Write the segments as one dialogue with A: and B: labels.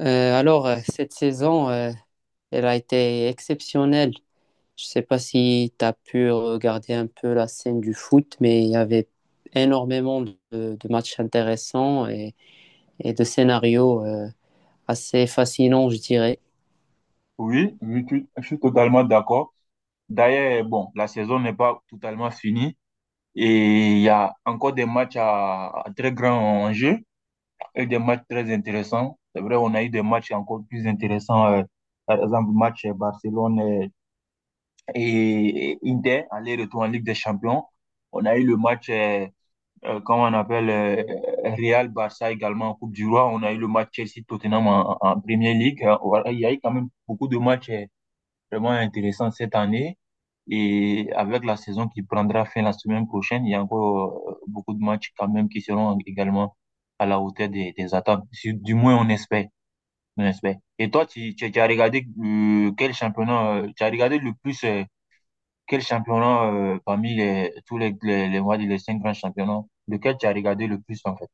A: Cette saison, elle a été exceptionnelle. Je ne sais pas si tu as pu regarder un peu la scène du foot, mais il y avait énormément de matchs intéressants et de scénarios assez fascinants, je dirais.
B: Oui, oui, je suis totalement d'accord. D'ailleurs, bon, la saison n'est pas totalement finie et il y a encore des matchs à très grand enjeu et des matchs très intéressants. C'est vrai, on a eu des matchs encore plus intéressants, par exemple, le match Barcelone et Inter, aller-retour en Ligue des Champions. On a eu le match, comment on appelle, Real-Barça également en Coupe du Roi. On a eu le match Chelsea-Tottenham en Premier League. Voilà, il y a eu quand même beaucoup de matchs vraiment intéressant cette année. Et avec la saison qui prendra fin la semaine prochaine, il y a encore beaucoup de matchs quand même qui seront également à la hauteur des attentes. Du moins, on espère, on espère. Et toi, tu as regardé quel championnat, tu as regardé le plus quel championnat parmi tous les, on va dire les cinq grands championnats, lequel tu as regardé le plus en fait,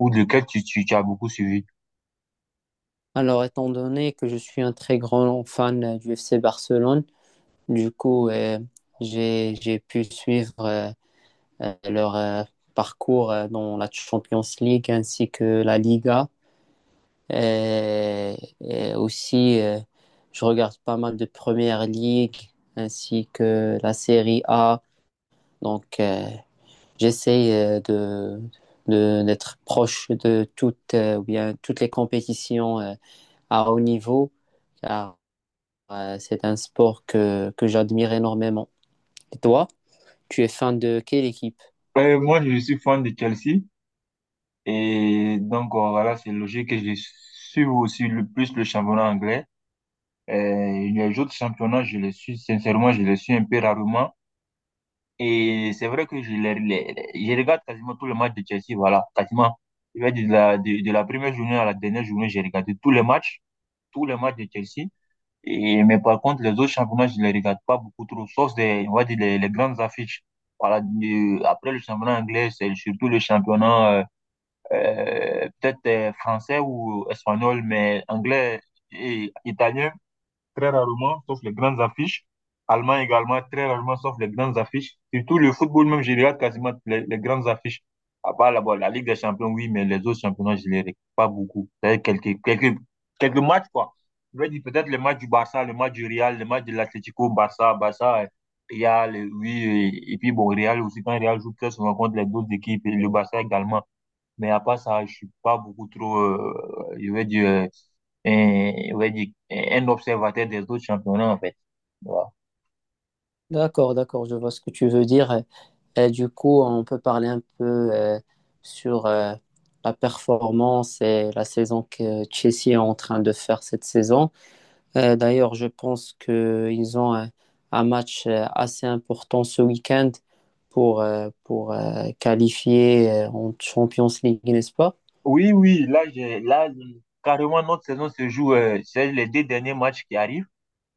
B: ou lequel tu as beaucoup suivi?
A: Alors, étant donné que je suis un très grand fan du FC Barcelone, du coup, j'ai pu suivre leur parcours dans la Champions League ainsi que la Liga. Euh, et aussi, je regarde pas mal de Première Ligue ainsi que la Série A. Donc, j'essaie de, d'être proche de toutes, ou bien, toutes les compétitions à haut niveau, car c'est un sport que j'admire énormément. Et toi, tu es fan de quelle équipe?
B: Moi, je suis fan de Chelsea. Et donc, voilà, c'est logique que je suis aussi le plus le championnat anglais. Euh, les autres championnats, je les suis, sincèrement, je les suis un peu rarement. Et c'est vrai que je regarde quasiment tous les matchs de Chelsea, voilà, quasiment. Je vais dire de la première journée à la dernière journée, j'ai regardé tous les matchs de Chelsea. Et, mais par contre, les autres championnats, je les regarde pas beaucoup trop, sauf des, on va dire les grandes affiches. Voilà, après le championnat anglais, c'est surtout le championnat, peut-être français ou espagnol, mais anglais et italien, très rarement, sauf les grandes affiches. Allemand également, très rarement, sauf les grandes affiches. Surtout le football même, je regarde quasiment les grandes affiches. À part la, bon, la Ligue des Champions, oui, mais les autres championnats, je les regarde pas beaucoup. C'est-à-dire quelques matchs, quoi. Je vais dire peut-être le match du Barça, le match du Real, le match de l'Atlético, Real, oui. Et, puis bon, Real aussi, quand Real joue très souvent contre les deux équipes, et le Barça également. Mais à part ça, je suis pas beaucoup trop, je vais dire, un, je vais dire, un observateur des autres championnats, en fait. Voilà.
A: D'accord, d'accord, je vois ce que tu veux dire. Et du coup, on peut parler un peu sur la performance et la saison que Chelsea est en train de faire cette saison. D'ailleurs, je pense qu'ils ont un match assez important ce week-end pour qualifier en Champions League, n'est-ce pas?
B: Oui, oui, là, carrément, notre saison se joue, c'est les deux derniers matchs qui arrivent,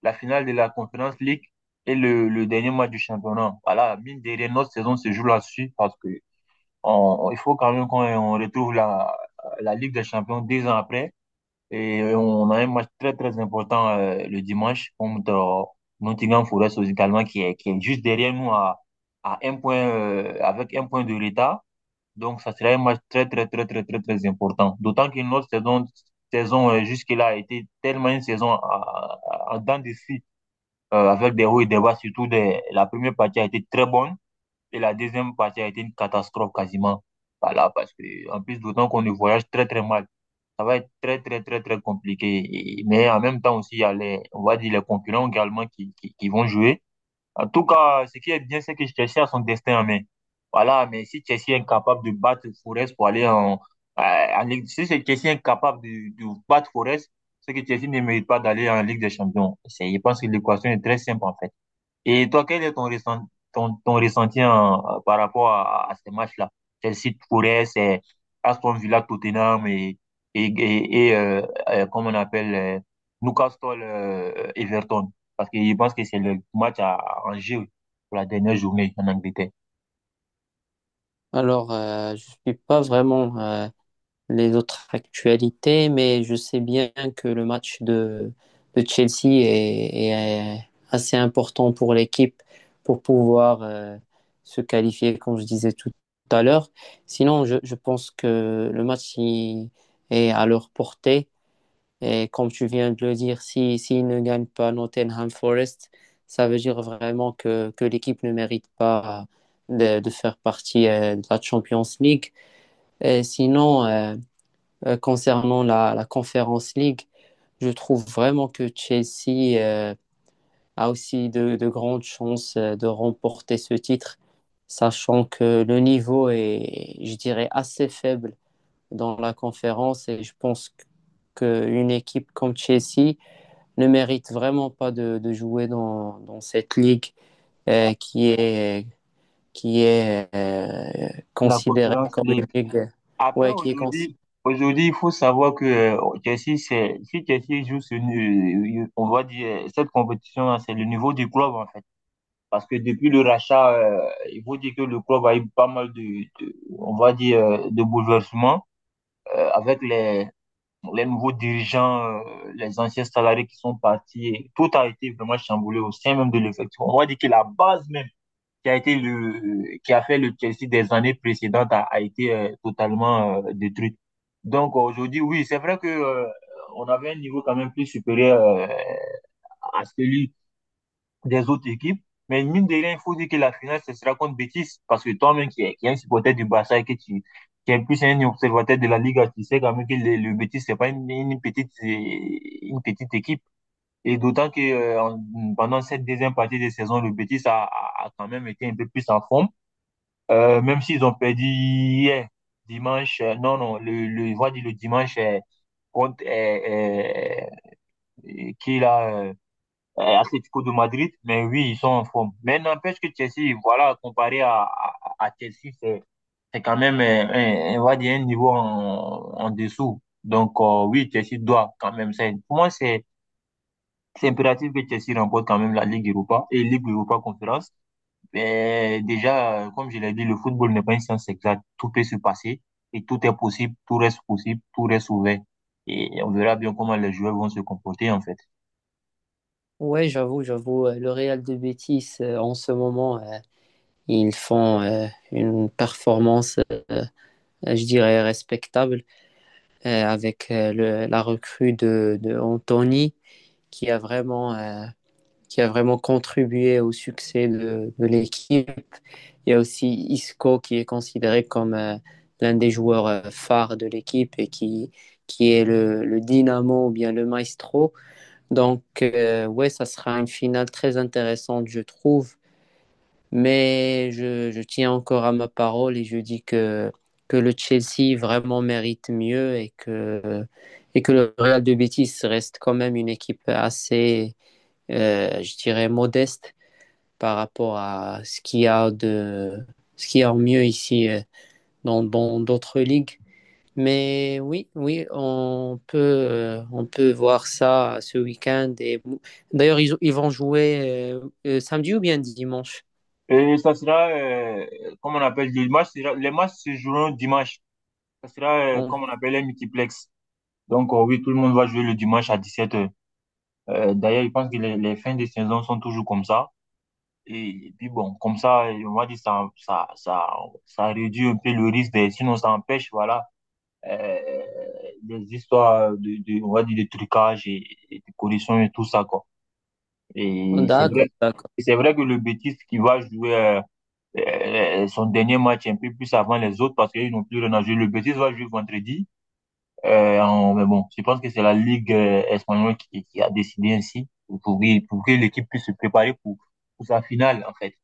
B: la finale de la Conference League et le dernier match du championnat. Voilà, mine de rien, notre saison se joue là-dessus parce que il faut quand même qu'on on retrouve la Ligue des Champions deux ans après. Et on a un match très, très important le dimanche contre Nottingham Forest également qui est juste derrière nous à un point, avec un point de l'état. Donc, ça sera un match très, très, très, très, très, très important. D'autant que notre saison jusque-là a été tellement une saison à en dents de scie, avec des hauts et des bas, surtout des, la première partie a été très bonne. Et la deuxième partie a été une catastrophe quasiment. Voilà, parce que, en plus, d'autant qu'on ne voyage très, très mal. Ça va être très, très, très, très compliqué. Mais en même temps aussi, il y a les, on va dire, les concurrents également qui vont jouer. En tout cas, ce qui est bien, c'est que Chelsea a son destin en main. Voilà, mais si Chelsea est incapable de battre Forest pour aller euh, en Ligue, si c'est Chelsea est incapable de battre Forest, c'est que Chelsea ne mérite pas d'aller en Ligue des Champions. C'est, je pense que l'équation est très simple, en fait. Et toi, quel est ton ressenti par rapport à ces matchs-là? Chelsea Forest, c'est Aston Villa Tottenham et, comment on appelle Newcastle Everton. Parce que je pense que c'est le match à Angers pour la dernière journée en Angleterre.
A: Alors, je ne suis pas vraiment les autres actualités, mais je sais bien que le match de Chelsea est, est assez important pour l'équipe pour pouvoir se qualifier, comme je disais tout à l'heure. Sinon, je pense que le match il est à leur portée. Et comme tu viens de le dire, si, s'ils ne gagnent pas Nottingham Forest, ça veut dire vraiment que l'équipe ne mérite pas de faire partie de la Champions League. Et sinon, concernant la Conference League, je trouve vraiment que Chelsea a aussi de grandes chances de remporter ce titre, sachant que le niveau est, je dirais, assez faible dans la conférence et je pense qu'une équipe comme Chelsea ne mérite vraiment pas de jouer dans cette ligue euh, qui est, qui est
B: La
A: considérée
B: Conference
A: comme une
B: League.
A: ligue,
B: Après,
A: ouais, qui est
B: aujourd'hui,
A: considérée.
B: aujourd'hui, il faut savoir que Chelsea, c'est, si Chelsea joue on va dire, cette compétition, c'est le niveau du club, en fait. Parce que depuis le rachat, il faut dire que le club a eu pas mal on va dire, de bouleversements avec les nouveaux dirigeants, les anciens salariés qui sont partis. Et tout a été vraiment chamboulé au sein même de l'effectif. On va dire que la base même qui a fait le Chelsea des années précédentes a été totalement détruite. Donc aujourd'hui, oui, c'est vrai que on avait un niveau quand même plus supérieur à celui des autres équipes. Mais mine de rien, il faut dire que la finale, ce sera contre Betis. Parce que toi-même qui es un supporter du Barça et que qui est plus un observateur de la Liga tu sais quand même que le Betis, c'est pas une petite, une petite équipe. Et d'autant que pendant cette deuxième partie de saison, le Betis a quand même été un peu plus en forme. Même s'ils ont perdu hier, dimanche, non, non, je vais dire le dimanche contre qui là, Atlético de Madrid, mais oui, ils sont en forme. Mais n'empêche que Chelsea, voilà, comparé à Chelsea, c'est quand même, un, on va dire, un niveau en dessous. Donc, oui, Chelsea doit quand même. C'est, pour moi, c'est impératif que Chelsea remporte quand même la Ligue Europa et Ligue Europa Conférence. Mais déjà, comme je l'ai dit, le football n'est pas une science exacte. Tout peut se passer et tout est possible, tout reste ouvert. Et on verra bien comment les joueurs vont se comporter, en fait.
A: Ouais, j'avoue, j'avoue, le Real de Betis, en ce moment, ils font une performance, je dirais, respectable avec la recrue de Anthony qui a vraiment, euh, qui a vraiment contribué au succès de l'équipe. Il y a aussi Isco qui est considéré comme l'un des joueurs phares de l'équipe et qui est le dynamo ou bien le maestro. Donc, ouais, ça sera une finale très intéressante, je trouve. Mais je tiens encore à ma parole et je dis que le Chelsea vraiment mérite mieux et que le Real de Betis reste quand même une équipe assez, je dirais, modeste par rapport à ce qu'il y a de, ce qu'il y a en mieux ici dans dans d'autres ligues. Mais oui, oui, on peut voir ça ce week-end. Et... D'ailleurs, ils vont jouer samedi ou bien dimanche?
B: Et ça sera, comme on appelle, les matchs se joueront dimanche. Ça sera,
A: On-
B: comme on appelle, les multiplex. Donc, oui, tout le monde va jouer le dimanche à 17 h. D'ailleurs, je pense que les fins de saison sont toujours comme ça. Et puis, bon, comme ça, on va dire, ça réduit un peu le risque, sinon ça empêche, voilà, euh, des histoires on va dire, de trucage et de corruption et tout ça, quoi. Et
A: D'accord, d'accord.
B: c'est vrai que le bêtise qui va jouer, son dernier match un peu plus avant les autres parce qu'ils n'ont plus rien à jouer. Le Betis va jouer vendredi. Mais bon, je pense que c'est la Ligue espagnole qui a décidé ainsi pour que l'équipe puisse se préparer pour sa finale, en fait.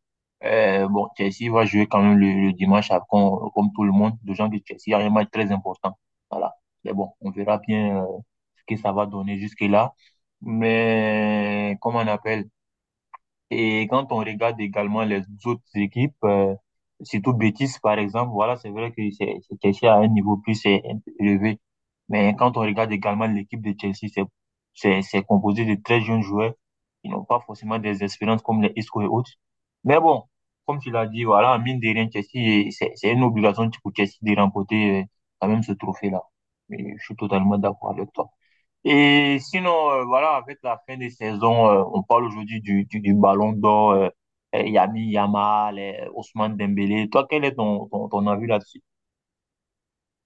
B: Bon, Chelsea va jouer quand même le dimanche, comme, tout le monde. De gens de Chelsea, il y a un match très important. Voilà. Mais bon, on verra bien ce que ça va donner jusque-là. Mais, comment on appelle? Et quand on regarde également les autres équipes, surtout Betis par exemple, voilà, c'est vrai que c'est Chelsea à un niveau élevé. Mais quand on regarde également l'équipe de Chelsea, c'est composé de très jeunes joueurs qui n'ont pas forcément des expériences comme les Isco et autres. Mais bon, comme tu l'as dit, voilà, mine de rien, Chelsea, c'est une obligation pour Chelsea de remporter quand même ce trophée-là. Et je suis totalement d'accord avec toi. Et sinon, voilà, avec la fin des saisons, on parle aujourd'hui du Ballon d'Or, Yami Yamal, Ousmane Dembélé. Toi, quel est ton avis là-dessus?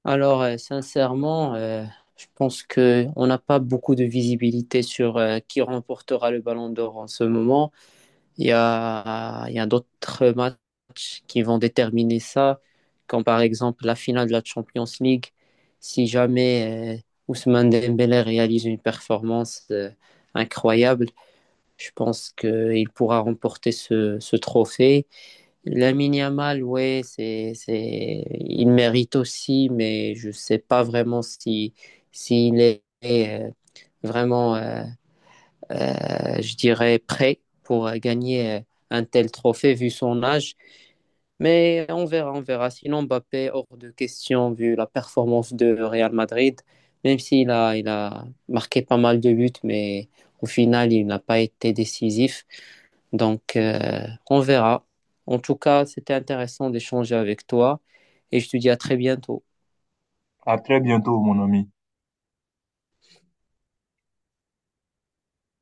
A: Alors, sincèrement, je pense que on n'a pas beaucoup de visibilité sur qui remportera le Ballon d'Or en ce moment. Il y a d'autres matchs qui vont déterminer ça, comme par exemple la finale de la Champions League. Si jamais Ousmane Dembélé réalise une performance incroyable, je pense qu'il pourra remporter ce trophée. Lamine Yamal, ouais, c'est, il mérite aussi, mais je ne sais pas vraiment si, s'il est vraiment je dirais, prêt pour gagner un tel trophée vu son âge. Mais on verra, on verra. Sinon, Mbappé, hors de question vu la performance de Real Madrid, même s'il a, il a marqué pas mal de buts, mais au final, il n'a pas été décisif. Donc, on verra. En tout cas, c'était intéressant d'échanger avec toi et je te dis à très bientôt.
B: À très bientôt, mon ami.